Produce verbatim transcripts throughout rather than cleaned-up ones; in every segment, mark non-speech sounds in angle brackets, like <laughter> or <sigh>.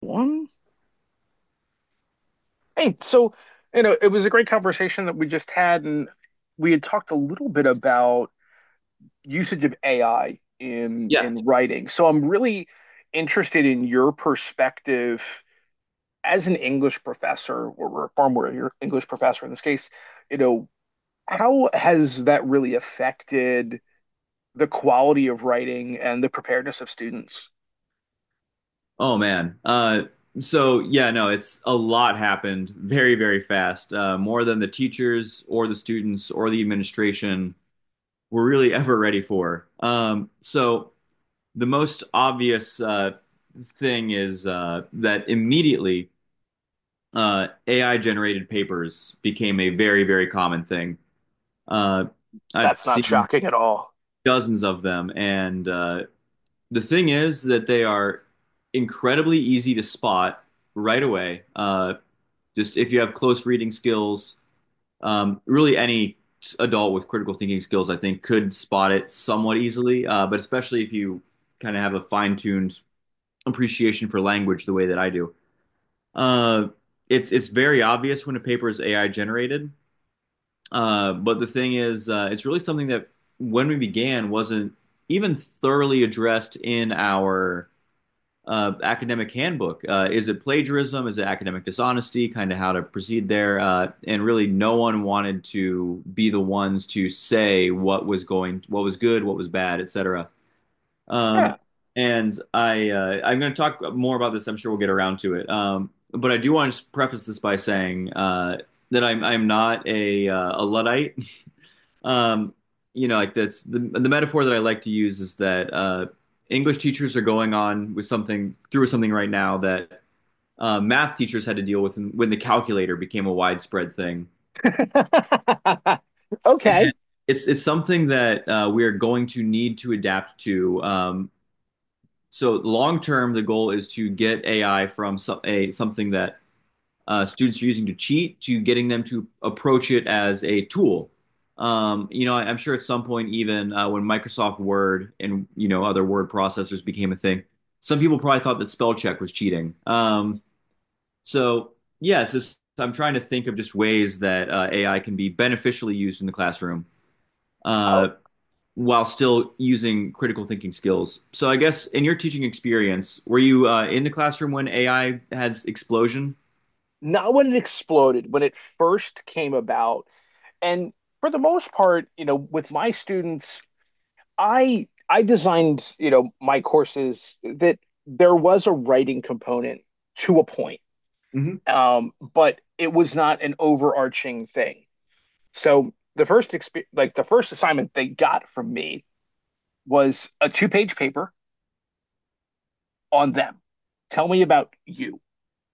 One. Hey, so, you know, it was a great conversation that we just had, and we had talked a little bit about usage of A I in Yeah. in writing. So I'm really interested in your perspective as an English professor, or we're a former your English professor in this case, you know, how has that really affected the quality of writing and the preparedness of students? Oh man. Uh, so yeah, no, it's a lot happened very, very fast. Uh, more than the teachers or the students or the administration were really <laughs> ever ready for. Um, so the most obvious uh, thing is uh, that immediately uh, A I generated papers became a very, very common thing. Uh, I've That's not seen shocking at all. dozens of them, and uh, The thing is that they are incredibly easy to spot right away. Uh, just if you have close reading skills, um, really any adult with critical thinking skills, I think, could spot it somewhat easily. Uh, but especially if you kind of have a fine-tuned appreciation for language, the way that I do, uh, it's it's very obvious when a paper is A I generated. Uh, but the thing is, uh, it's really something that when we began wasn't even thoroughly addressed in our uh, academic handbook. Uh, is it plagiarism? Is it academic dishonesty? Kind of how to proceed there. Uh, and really, no one wanted to be the ones to say what was going, what was good, what was bad, et cetera. Huh. Um, and I, uh, I'm going to talk more about this. I'm sure we'll get around to it. Um, but I do want to preface this by saying uh, that I'm, I'm not a, uh, a luddite. um, you know, like, that's the the metaphor that I like to use, is that uh, English teachers are going on with something through something right now that uh, math teachers had to deal with when the calculator became a widespread thing. <laughs> Okay. It's it's something that uh, we are going to need to adapt to. Um, so long term, the goal is to get A I from some, a something that uh, students are using to cheat to getting them to approach it as a tool. Um, you know, I am sure at some point, even uh, when Microsoft Word and, you know, other word processors became a thing, some people probably thought that spell check was cheating. Um, so yes, yeah, so I'm trying to think of just ways that uh, A I can be beneficially used in the classroom uh, while still using critical thinking skills. So I guess, in your teaching experience, were you uh, in the classroom when A I had explosion? Not when it exploded, when it first came about. And for the most part, you know, with my students, I I designed, you know, my courses that there was a writing component to a point, Mm-hmm, um, but it was not an overarching thing. So the first exp- like the first assignment they got from me was a two-page paper on them. Tell me about you,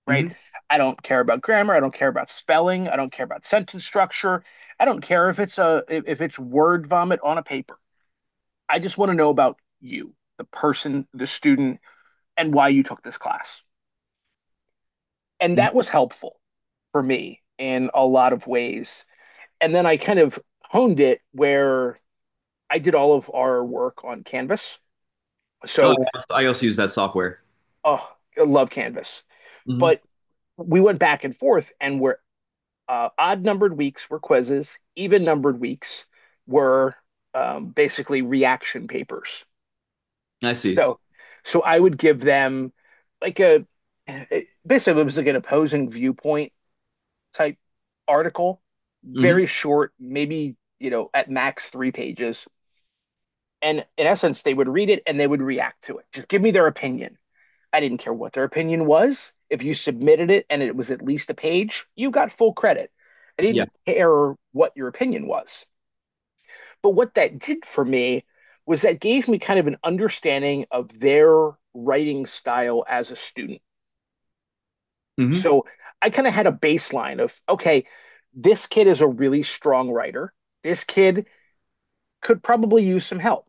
right? mm-hmm. I don't care about grammar. I don't care about spelling. I don't care about sentence structure. I don't care if it's a if it's word vomit on a paper. I just want to know about you, the person, the student, and why you took this class. And Mm-hmm. that was helpful for me in a lot of ways. And then I kind of honed it where I did all of our work on Canvas. Oh, So, yeah. I also use that software. oh, I love Canvas. But Hmm. we went back and forth, and where uh, odd numbered weeks were quizzes, even numbered weeks were um, basically reaction papers. I see. So, so I would give them like a eh, basically it was like an opposing viewpoint type article, Hmm. very short, maybe you know at max three pages. And in essence, they would read it and they would react to it. Just give me their opinion. I didn't care what their opinion was. If you submitted it and it was at least a page, you got full credit. I Yeah. didn't care what your opinion was. But what that did for me was that gave me kind of an understanding of their writing style as a student. Hmm. So I kind of had a baseline of, okay, this kid is a really strong writer. This kid could probably use some help.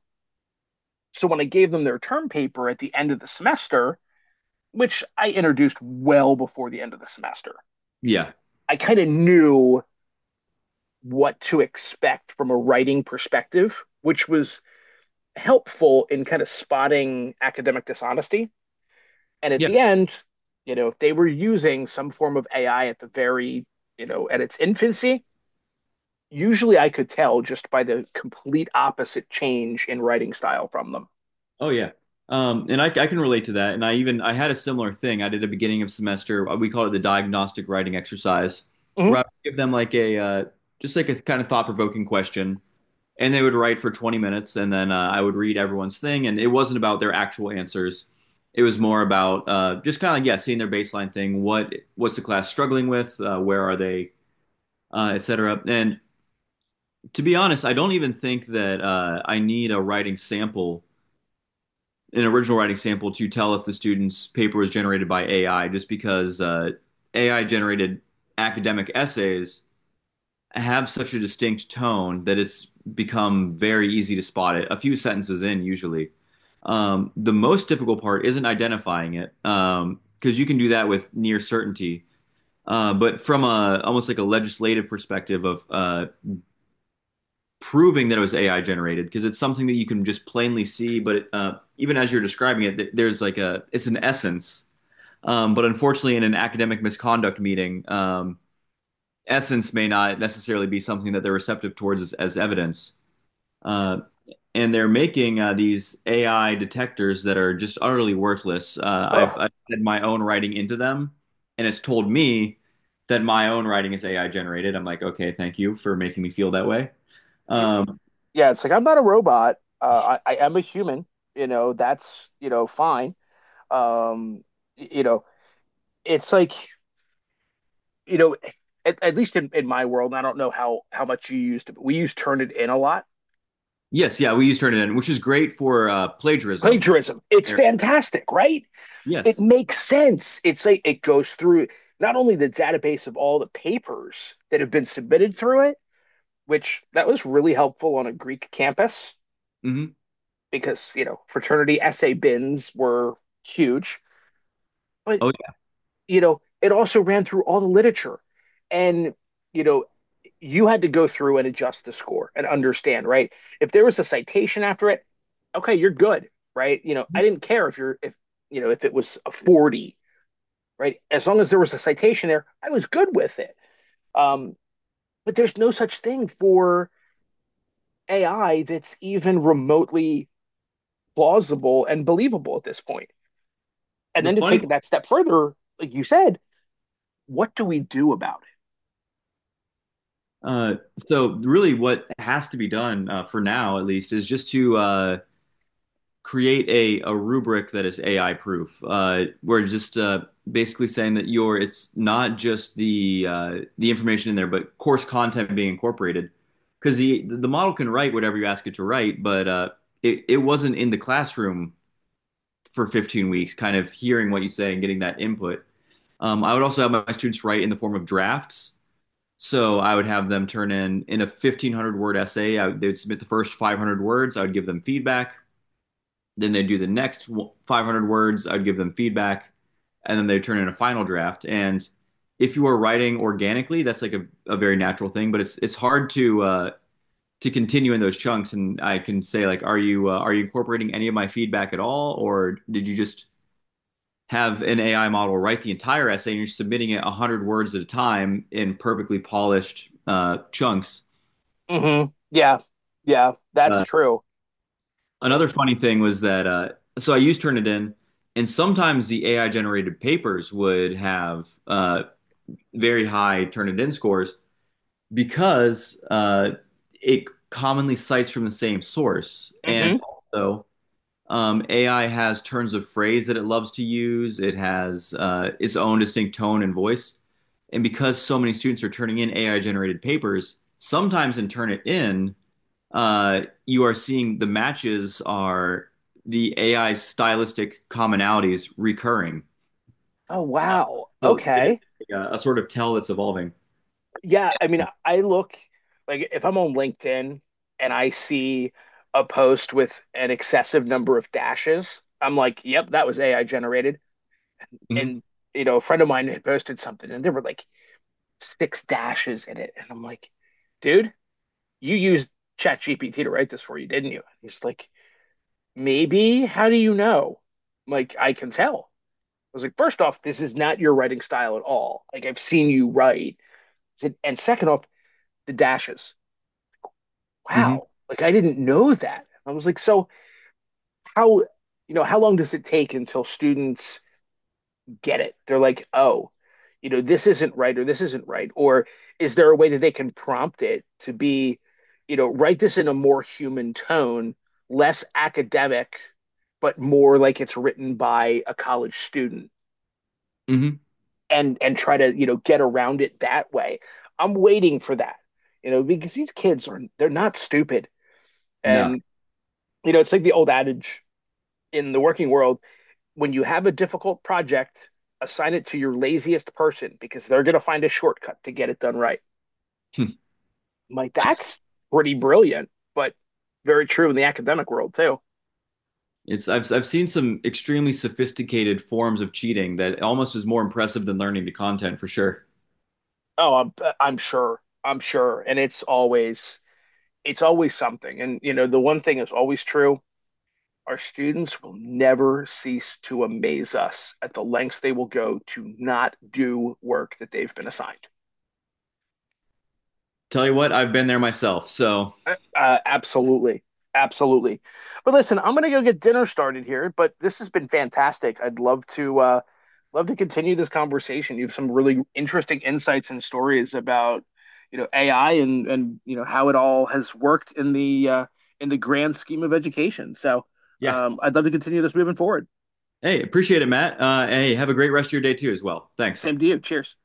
So when I gave them their term paper at the end of the semester, which I introduced well before the end of the semester, Yeah. I kind of knew what to expect from a writing perspective, which was helpful in kind of spotting academic dishonesty. And at Yeah. the end, you know, they were using some form of A I at the very, you know, at its infancy. Usually I could tell just by the complete opposite change in writing style from them. Oh, yeah. Um, and I, I can relate to that. And I even I had a similar thing. I did a beginning of semester. We call it the diagnostic writing exercise, where Mhm. I would give them like a uh, just like a kind of thought provoking question, and they would write for twenty minutes, and then uh, I would read everyone's thing. And it wasn't about their actual answers. It was more about uh, just kind of, like, yeah, seeing their baseline thing. What what's the class struggling with? Uh, where are they? Uh, et cetera. And to be honest, I don't even think that uh, I need a writing sample, an original writing sample, to tell if the student's paper was generated by A I, just because uh, A I generated academic essays have such a distinct tone that it's become very easy to spot it a few sentences in, usually. Um, the most difficult part isn't identifying it, because um, you can do that with near certainty. Uh, but from a almost like a legislative perspective of uh, proving that it was A I generated, because it's something that you can just plainly see. But it, uh, even as you're describing it, there's like a it's an essence. Um, but unfortunately, in an academic misconduct meeting, um, essence may not necessarily be something that they're receptive towards as, as evidence. Uh, and they're making uh, these A I detectors that are just utterly worthless. Uh, I've, I've had my own writing into them, and it's told me that my own writing is A I generated. I'm like, okay, thank you for making me feel that way. Um, Yeah, it's like I'm not a robot. Uh, I, I am a human. You know, that's, you know, fine. Um, you know, it's like you know, at, at least in, in my world, and I don't know how how much you used it, but we use Turnitin a lot. Yes, yeah, we use Turnitin, which is great for uh, plagiarism. Plagiarism. It's Here. fantastic, right? It Yes. makes sense. It's like it goes through not only the database of all the papers that have been submitted through it, which that was really helpful on a Greek campus Hmm. because, you know, fraternity essay bins were huge, but Oh, you know, it also ran through all the literature. And, you know, you had to go through and adjust the score and understand, right? If there was a citation after it, okay, you're good, right? You know, I yeah. didn't care if you're, if, you know, if it was a forty, right? As long as there was a citation there, I was good with it. Um, but there's no such thing for A I that's even remotely plausible and believable at this point. And The then to funny, thing, take that step further, like you said, what do we do about it? uh, so really, what has to be done, uh, for now, at least, is just to uh, create a a rubric that is A I proof. Uh, we're just uh, basically saying that your it's not just the uh, the information in there, but course content being incorporated, because the the model can write whatever you ask it to write, but uh, it it wasn't in the classroom for fifteen weeks, kind of hearing what you say and getting that input. Um, I would also have my students write in the form of drafts. So I would have them turn in in a fifteen hundred word essay. I would, they would submit the first five hundred words. I would give them feedback. Then they'd do the next five hundred words. I'd give them feedback, and then they'd turn in a final draft. And if you are writing organically, that's like a, a very natural thing. But it's it's hard to uh, to continue in those chunks. And I can say, like, are you uh, are you incorporating any of my feedback at all, or did you just have an A I model write the entire essay, and you're submitting it one hundred words at a time in perfectly polished uh, chunks. Mm-hmm. Yeah. Yeah. That's Uh, true. another funny thing was that, uh, so I used Turnitin, and sometimes the A I generated papers would have uh, very high Turnitin scores because uh, it commonly cites from the same source. And Mm-hmm. also, Um, A I has turns of phrase that it loves to use. It has uh, its own distinct tone and voice. And because so many students are turning in A I generated papers, sometimes in Turnitin, uh, you are seeing the matches are the A I stylistic commonalities recurring. Oh, Uh, wow. So it is Okay. a, a sort of tell that's evolving. Yeah. I mean, I look like if I'm on LinkedIn and I see a post with an excessive number of dashes, I'm like, yep, that was A I generated. Hmm. And, you know, a friend of mine had posted something and there were like six dashes in it. And I'm like, dude, you used ChatGPT to write this for you, didn't you? And he's like, maybe. How do you know? I'm like, I can tell. Was like, first off, this is not your writing style at all. Like I've seen you write. And second off, the dashes. Hmm. Wow. Like I didn't know that. I was like, so how you know, how long does it take until students get it? They're like, oh, you know, this isn't right or this isn't right. Or is there a way that they can prompt it to be, you know, write this in a more human tone, less academic, but more like it's written by a college student? Hmm. and and try to you know get around it that way. I'm waiting for that, you know, because these kids are they're not stupid, No, and you know it's like the old adage in the working world: when you have a difficult project, assign it to your laziest person because they're going to find a shortcut to get it done right. <laughs> I'm like that's— that's pretty brilliant, but very true in the academic world too. It's I've I've seen some extremely sophisticated forms of cheating that almost is more impressive than learning the content, for sure. Oh, I'm I'm sure, I'm sure, and it's always it's always something, and you know the one thing is always true. Our students will never cease to amaze us at the lengths they will go to not do work that they've been assigned. Tell you what, I've been there myself. So Uh, uh, absolutely. Absolutely. But listen, I'm going to go get dinner started here, but this has been fantastic. I'd love to uh, love to continue this conversation. You have some really interesting insights and stories about, you know, A I and and you know how it all has worked in the uh, in the grand scheme of education. So, yeah. um, I'd love to continue this moving forward. Hey, appreciate it, Matt. Uh, hey, have a great rest of your day too as well. Thanks. Same to you. Cheers.